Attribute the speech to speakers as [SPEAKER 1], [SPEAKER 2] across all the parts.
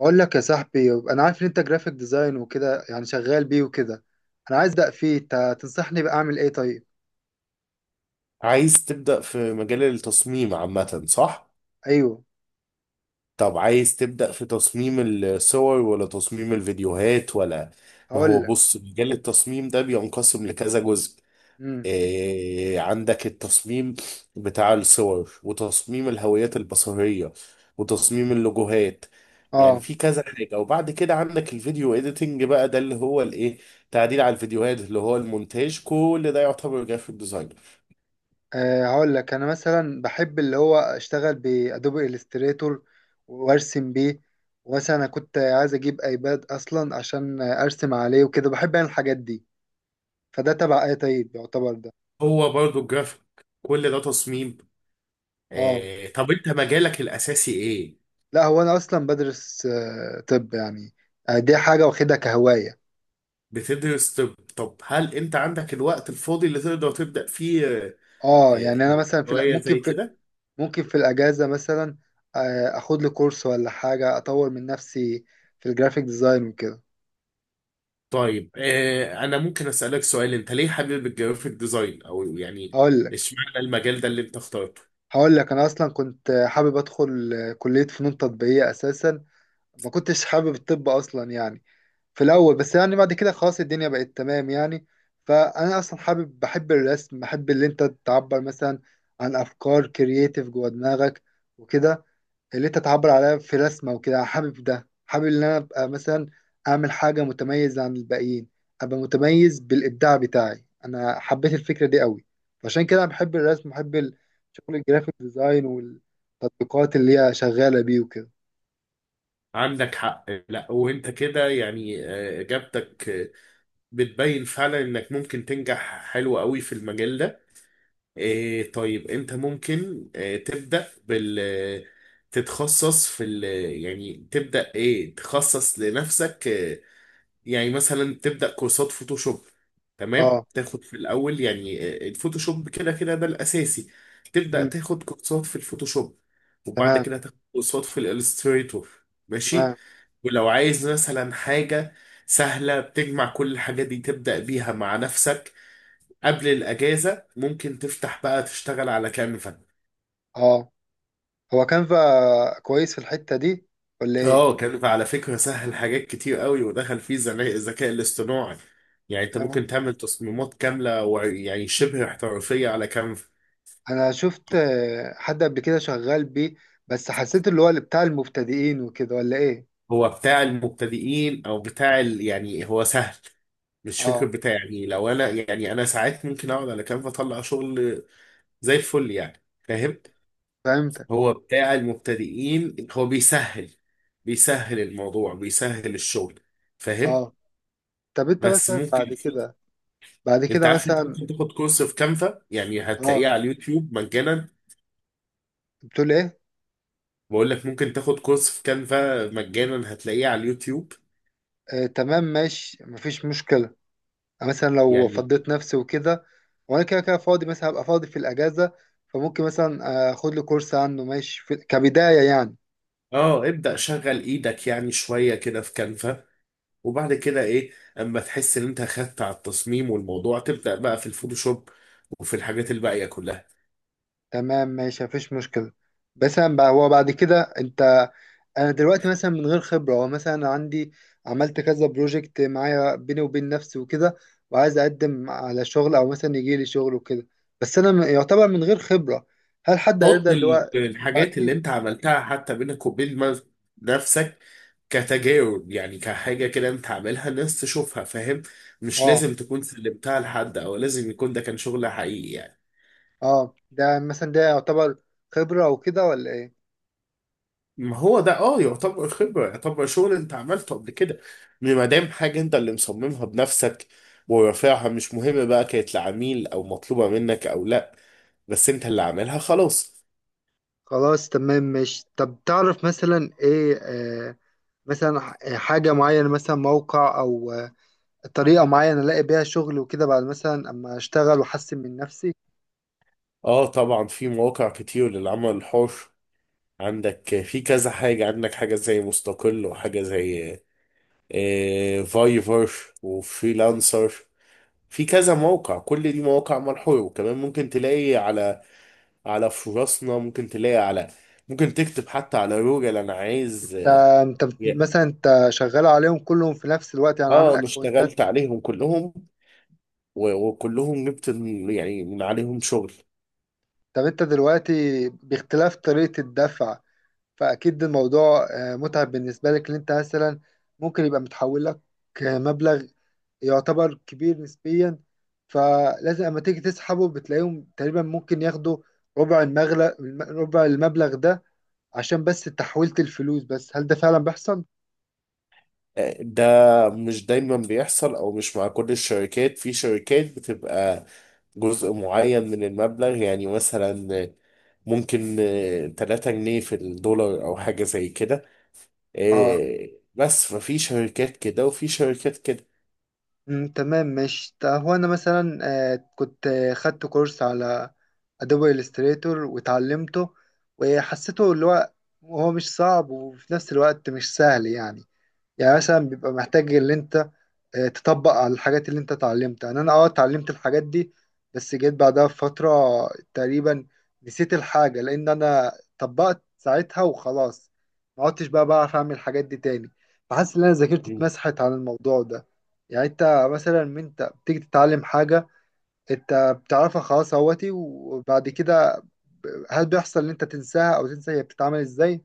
[SPEAKER 1] اقول لك يا صاحبي، انا عارف ان انت جرافيك ديزاين وكده، يعني شغال بيه وكده. انا عايز ابدا فيه، انت تنصحني بقى اعمل ايه؟ طيب.
[SPEAKER 2] عايز تبدأ في مجال التصميم عامة، صح؟
[SPEAKER 1] ايوه.
[SPEAKER 2] طب عايز تبدأ في تصميم الصور ولا تصميم الفيديوهات ولا... ما هو
[SPEAKER 1] هقول لك.
[SPEAKER 2] بص، مجال التصميم ده بينقسم لكذا جزء.
[SPEAKER 1] امم.
[SPEAKER 2] إيه، عندك التصميم بتاع الصور، وتصميم الهويات البصرية، وتصميم اللوجوهات. يعني
[SPEAKER 1] اه.
[SPEAKER 2] في كذا حاجة. وبعد كده عندك الفيديو اديتنج، بقى ده اللي هو الايه، تعديل على الفيديوهات اللي هو المونتاج. كل ده يعتبر جرافيك ديزاين.
[SPEAKER 1] آه، هقول لك انا مثلا بحب اللي هو اشتغل بادوبي الستريتور وارسم بيه. ومثلا انا كنت عايز اجيب ايباد اصلا عشان ارسم عليه وكده، بحب انا الحاجات دي. فده تبع ايه طيب، يعتبر ده؟
[SPEAKER 2] هو برضه الجرافيك، كل ده تصميم.
[SPEAKER 1] اه.
[SPEAKER 2] إيه طب انت مجالك الاساسي ايه؟
[SPEAKER 1] لا، هو انا اصلا بدرس. طب يعني دي حاجه واخدها كهوايه.
[SPEAKER 2] بتدرس؟ طب طب هل انت عندك الوقت الفاضي اللي تقدر تبدأ فيه
[SPEAKER 1] اه،
[SPEAKER 2] آه،
[SPEAKER 1] يعني انا مثلا في
[SPEAKER 2] هواية
[SPEAKER 1] ممكن
[SPEAKER 2] زي
[SPEAKER 1] في
[SPEAKER 2] كده؟
[SPEAKER 1] الاجازه مثلا. اخد لي كورس ولا حاجه اطور من نفسي في الجرافيك ديزاين وكده.
[SPEAKER 2] طيب إيه، انا ممكن اسألك سؤال؟ انت ليه حابب الجرافيك ديزاين، او يعني
[SPEAKER 1] هقول لك
[SPEAKER 2] اشمعنى المجال ده اللي انت اخترته؟
[SPEAKER 1] هقول لك. انا اصلا كنت حابب ادخل كليه فنون تطبيقيه اساسا. ما كنتش حابب الطب اصلا يعني في الاول، بس يعني بعد كده خلاص الدنيا بقت تمام يعني. فانا اصلا بحب الرسم، بحب اللي انت تعبر مثلا عن افكار كرييتيف جوه دماغك وكده، اللي انت تعبر عليها في رسمة وكده. حابب ان انا ابقى مثلا اعمل حاجة متميزة عن الباقيين، ابقى متميز بالابداع بتاعي. انا حبيت الفكرة دي قوي، فعشان كده بحب الرسم، بحب الشغل الجرافيك ديزاين والتطبيقات اللي هي شغالة بيه وكده.
[SPEAKER 2] عندك حق. لا وانت كده يعني، اجابتك بتبين فعلا انك ممكن تنجح حلو قوي في المجال ده. إيه طيب، انت ممكن تبدأ بال... تتخصص في ال... يعني تبدأ ايه، تخصص لنفسك. يعني مثلا تبدأ كورسات فوتوشوب. تمام،
[SPEAKER 1] اه.
[SPEAKER 2] تاخد في الأول يعني الفوتوشوب، كده كده ده الأساسي. تبدأ
[SPEAKER 1] مم.
[SPEAKER 2] تاخد كورسات في الفوتوشوب، وبعد
[SPEAKER 1] تمام.
[SPEAKER 2] كده تاخد كورسات في الإلستريتور. ماشي.
[SPEAKER 1] تمام.
[SPEAKER 2] ولو عايز مثلا حاجة سهلة بتجمع كل الحاجات دي تبدأ بيها مع نفسك قبل الاجازه، ممكن تفتح بقى تشتغل على كانفا.
[SPEAKER 1] اه، هو كانفا كويس في الحتة دي ولا ايه؟
[SPEAKER 2] اه، كانفا على فكره سهل، حاجات كتير قوي، ودخل فيه الذكاء الاصطناعي. يعني انت
[SPEAKER 1] تمام.
[SPEAKER 2] ممكن تعمل تصميمات كامله يعني شبه احترافيه على كانفا.
[SPEAKER 1] انا شفت حد قبل كده شغال بيه، بس حسيت اللي هو اللي بتاع المبتدئين وكده ولا ايه.
[SPEAKER 2] هو بتاع المبتدئين او بتاع ال... يعني هو سهل. مش فكر
[SPEAKER 1] اه.
[SPEAKER 2] بتاع، يعني لو انا، يعني انا ساعات ممكن اقعد على كانفا اطلع شغل زي الفل، يعني فاهم.
[SPEAKER 1] فهمت.
[SPEAKER 2] هو بتاع المبتدئين، هو بيسهل، بيسهل الموضوع، بيسهل الشغل، فاهم.
[SPEAKER 1] اه. طب انت
[SPEAKER 2] بس
[SPEAKER 1] مثلا
[SPEAKER 2] ممكن
[SPEAKER 1] بعد
[SPEAKER 2] في...
[SPEAKER 1] كده بعد
[SPEAKER 2] انت
[SPEAKER 1] كده
[SPEAKER 2] عارف انت
[SPEAKER 1] مثلا.
[SPEAKER 2] ممكن تاخد كورس في كانفا، يعني هتلاقيه
[SPEAKER 1] اه،
[SPEAKER 2] على اليوتيوب مجانا.
[SPEAKER 1] بتقول ايه؟
[SPEAKER 2] بقول لك ممكن تاخد كورس في كانفا مجانا، هتلاقيه على اليوتيوب.
[SPEAKER 1] آه تمام ماشي، مفيش مشكلة. أنا مثلا لو
[SPEAKER 2] يعني
[SPEAKER 1] فضيت نفسي وكده، وانا كده كده فاضي، مثلا هبقى فاضي في الاجازة. فممكن مثلا اخد لي كورس عنه، ماشي، في... كبداية يعني.
[SPEAKER 2] اه، ابدأ شغل ايدك يعني شوية كده في كانفا، وبعد كده ايه، اما تحس ان انت خدت على التصميم والموضوع، تبدأ بقى في الفوتوشوب وفي الحاجات الباقية كلها.
[SPEAKER 1] تمام ماشي، مفيش مشكلة. بس أنا بقى، هو بعد كده انت... انا دلوقتي مثلا من غير خبرة، هو مثلا أنا عندي عملت كذا بروجكت معايا بيني وبين نفسي وكده، وعايز اقدم على شغل او مثلا يجي لي شغل وكده. بس انا يعتبر من غير خبرة. هل حد
[SPEAKER 2] حط
[SPEAKER 1] هيرضى اللي هو
[SPEAKER 2] الحاجات
[SPEAKER 1] يبعت
[SPEAKER 2] اللي
[SPEAKER 1] لي؟
[SPEAKER 2] انت عملتها حتى بينك وبين نفسك، كتجاوب يعني، كحاجة كده انت عاملها، الناس تشوفها، فاهم. مش
[SPEAKER 1] اه.
[SPEAKER 2] لازم تكون سلمتها لحد او لازم يكون ده كان شغل حقيقي يعني.
[SPEAKER 1] اه، ده مثلا ده يعتبر خبرة او كده ولا ايه؟
[SPEAKER 2] ما هو ده اه يعتبر خبرة، يعتبر شغل انت عملته قبل كده. ما دام حاجة انت اللي مصممها بنفسك ورافعها، مش مهم بقى كانت لعميل او مطلوبة منك او لا، بس انت اللي عاملها، خلاص.
[SPEAKER 1] خلاص تمام ماشي. طب تعرف مثلا ايه مثلا حاجة معينة، مثلا موقع او طريقة معينة ألاقي بيها شغل وكده بعد مثلا أما أشتغل وأحسن من نفسي؟
[SPEAKER 2] اه طبعا في مواقع كتير للعمل الحر. عندك في كذا حاجة، عندك حاجة زي مستقل، وحاجة زي فايفر، وفريلانسر. في كذا موقع، كل دي مواقع مرحولة. وكمان ممكن تلاقي على... على فرصنا ممكن تلاقي على... ممكن تكتب حتى على جوجل انا عايز اه.
[SPEAKER 1] أنت مثلا أنت شغال عليهم كلهم في نفس الوقت، يعني عامل
[SPEAKER 2] انا
[SPEAKER 1] أكونتات؟
[SPEAKER 2] اشتغلت عليهم كلهم، وكلهم جبت يعني من عليهم شغل.
[SPEAKER 1] طب أنت دلوقتي باختلاف طريقة الدفع، فأكيد الموضوع متعب بالنسبة لك. إن أنت مثلا ممكن يبقى متحول لك مبلغ يعتبر كبير نسبيا. فلازم أما تيجي تسحبه بتلاقيهم تقريبا ممكن ياخدوا ربع المغلق ربع المبلغ ده، عشان بس تحويلة الفلوس. بس هل ده فعلا بيحصل؟
[SPEAKER 2] ده مش دايما بيحصل، او مش مع كل الشركات. في شركات بتبقى جزء معين من المبلغ، يعني مثلا ممكن 3 جنيه في الدولار او حاجة زي كده.
[SPEAKER 1] اه.
[SPEAKER 2] إيه، بس ففي شركات كده وفي شركات كده.
[SPEAKER 1] مم، تمام ماشي. هو انا مثلا كنت خدت كورس على ادوبي الستريتور واتعلمته، وحسيته اللي هو هو مش صعب، وفي نفس الوقت مش سهل يعني. يعني مثلا بيبقى محتاج اللي انت تطبق على الحاجات اللي انت اتعلمتها. يعني انا اتعلمت الحاجات دي، بس جيت بعدها بفترة تقريبا نسيت الحاجة، لان انا طبقت ساعتها وخلاص، ما عدتش بقى بعرف اعمل الحاجات دي تاني. فحاسس ان انا ذاكرتي
[SPEAKER 2] مم.
[SPEAKER 1] اتمسحت عن الموضوع ده. يعني انت مثلا من انت بتيجي تتعلم حاجة انت بتعرفها خلاص اهوتي، وبعد كده هل بيحصل ان انت تنساها او تنسى هي بتتعمل ازاي؟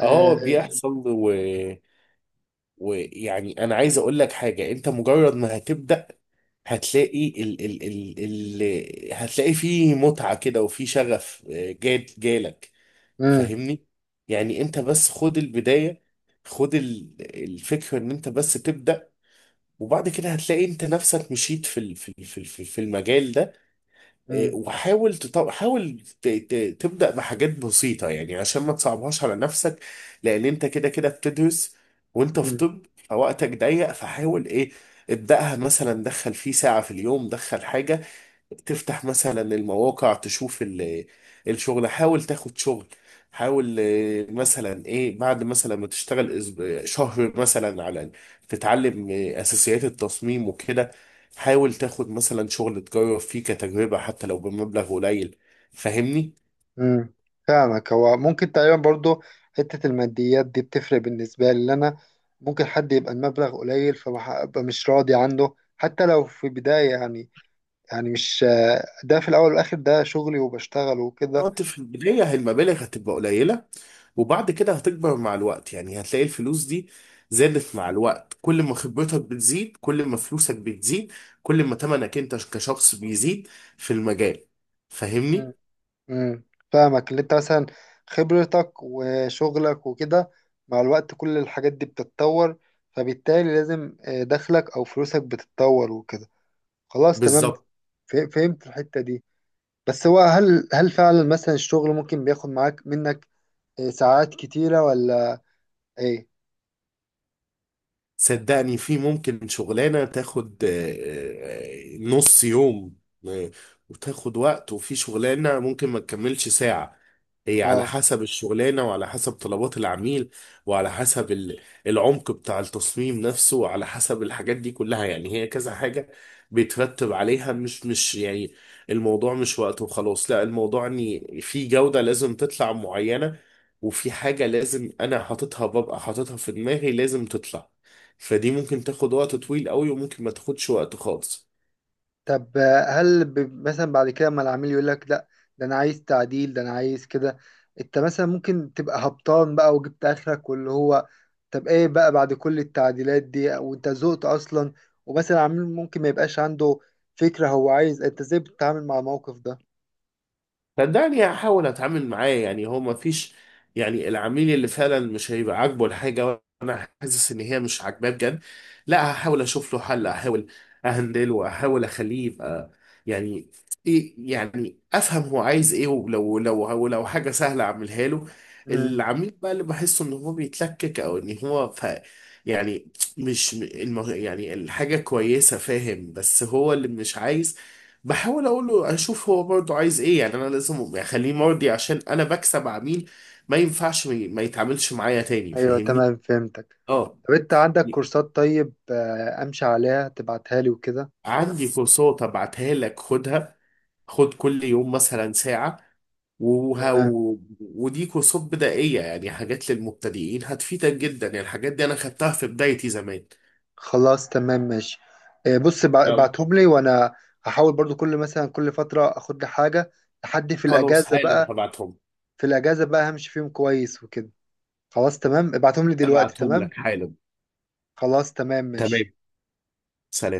[SPEAKER 2] اه
[SPEAKER 1] آه.
[SPEAKER 2] بيحصل، و... ويعني انا عايز اقول لك حاجة، انت مجرد ما هتبدأ هتلاقي ال... ال... ال... ال... هتلاقي فيه متعة كده، وفيه شغف إيه، جات جالك،
[SPEAKER 1] مم.
[SPEAKER 2] فاهمني. يعني انت بس خد البداية، خد الفكرة ان انت بس تبدأ، وبعد كده هتلاقي انت نفسك مشيت في المجال ده. اه، وحاول تبدأ بحاجات بسيطة يعني، عشان ما تصعبهاش على نفسك. لان انت كده كده بتدرس وانت في
[SPEAKER 1] مم.
[SPEAKER 2] طب، فوقتك ضيق، فحاول ايه، ابدأها مثلا، دخل فيه ساعة في اليوم، دخل حاجة، تفتح مثلا المواقع تشوف الشغل، حاول تاخد شغل، حاول مثلا ايه، بعد مثلا ما تشتغل شهر مثلا على... تتعلم اساسيات التصميم وكده، حاول تاخد مثلا شغل تجرب فيه كتجربة حتى لو بمبلغ قليل، فاهمني.
[SPEAKER 1] امم. فاهمك. هو ممكن تقريبا برضو حتة الماديات دي بتفرق بالنسبة لي، لأن أنا ممكن حد يبقى المبلغ قليل فببقى مش راضي عنه حتى لو في بداية يعني. يعني مش... ده في الأول والآخر ده شغلي وبشتغل وكده.
[SPEAKER 2] انت في البداية هي المبالغ هتبقى قليلة، وبعد كده هتكبر مع الوقت. يعني هتلاقي الفلوس دي زادت مع الوقت، كل ما خبرتك بتزيد كل ما فلوسك بتزيد، كل ما تمنك انت كشخص بيزيد في المجال، فاهمني؟
[SPEAKER 1] امم. امم. فاهمك اللي أنت مثلا خبرتك وشغلك وكده مع الوقت كل الحاجات دي بتتطور، فبالتالي لازم دخلك أو فلوسك بتتطور وكده. خلاص تمام.
[SPEAKER 2] بالظبط.
[SPEAKER 1] فهمت الحتة دي. بس هو هل فعلا مثلا الشغل ممكن بياخد معاك منك ساعات كتيرة ولا ايه؟
[SPEAKER 2] صدقني في ممكن شغلانة تاخد نص يوم آه، وتاخد وقت، وفي شغلانة ممكن ما تكملش ساعة. هي على
[SPEAKER 1] اه.
[SPEAKER 2] حسب الشغلانة، وعلى حسب طلبات العميل، وعلى حسب العمق بتاع التصميم نفسه، وعلى حسب الحاجات دي كلها. يعني هي كذا حاجة بيترتب عليها، مش مش يعني الموضوع مش وقت وخلاص، لا، الموضوع ان في جودة لازم تطلع معينة، وفي حاجة لازم انا حاططها ببقى حاططها في دماغي لازم تطلع. فدي ممكن تاخد وقت طويل قوي، وممكن ما تاخدش وقت خالص.
[SPEAKER 1] طب هل مثلا بعد كده ما العميل يقول لك لا، ده انا عايز تعديل، ده انا عايز كده، انت مثلا ممكن تبقى هبطان بقى وجبت اخرك واللي هو... طب ايه بقى بعد كل التعديلات دي وانت زهقت اصلا؟ ومثلا العميل ممكن ما يبقاش عنده فكرة هو عايز، انت ازاي بتتعامل مع الموقف ده؟
[SPEAKER 2] صدقني هحاول اتعامل معاه. يعني هو ما فيش، يعني العميل اللي فعلا مش هيبقى عاجبه الحاجه وانا حاسس ان هي مش عاجباه بجد، لا هحاول اشوف له حل، احاول اهندله، احاول اخليه يبقى يعني ايه، يعني افهم هو عايز ايه، ولو لو لو حاجه سهله اعملها له.
[SPEAKER 1] امم.
[SPEAKER 2] العميل بقى اللي بحسه ان هو بيتلكك، او ان هو ف... يعني مش يعني الحاجه كويسه فاهم، بس هو اللي مش عايز، بحاول اقول له اشوف هو برضه عايز ايه. يعني انا لازم اخليه مرضي، عشان انا بكسب عميل. ما ينفعش ما يتعاملش معايا تاني،
[SPEAKER 1] ايوه
[SPEAKER 2] فاهمني.
[SPEAKER 1] تمام، فهمتك.
[SPEAKER 2] اه
[SPEAKER 1] طب انت عندك كورسات طيب امشي عليها تبعتها لي وكده؟
[SPEAKER 2] عندي كورسات ابعتها لك خدها، خد كل يوم مثلا ساعة. وه...
[SPEAKER 1] تمام.
[SPEAKER 2] و... ودي كورسات بدائية يعني، حاجات للمبتدئين، هتفيدك جدا يعني. الحاجات دي انا خدتها في بدايتي زمان.
[SPEAKER 1] خلاص تمام ماشي. بص
[SPEAKER 2] يلا.
[SPEAKER 1] ابعتهم لي، وانا هحاول برضو كل مثلا كل فترة اخد لي حاجة، لحد في
[SPEAKER 2] خلاص
[SPEAKER 1] الاجازة
[SPEAKER 2] حالا
[SPEAKER 1] بقى.
[SPEAKER 2] هبعتهم،
[SPEAKER 1] في الاجازة بقى همشي فيهم كويس وكده. خلاص تمام، ابعتهم لي دلوقتي.
[SPEAKER 2] هبعتهم
[SPEAKER 1] تمام.
[SPEAKER 2] لك حالا.
[SPEAKER 1] خلاص تمام ماشي.
[SPEAKER 2] تمام. سلام.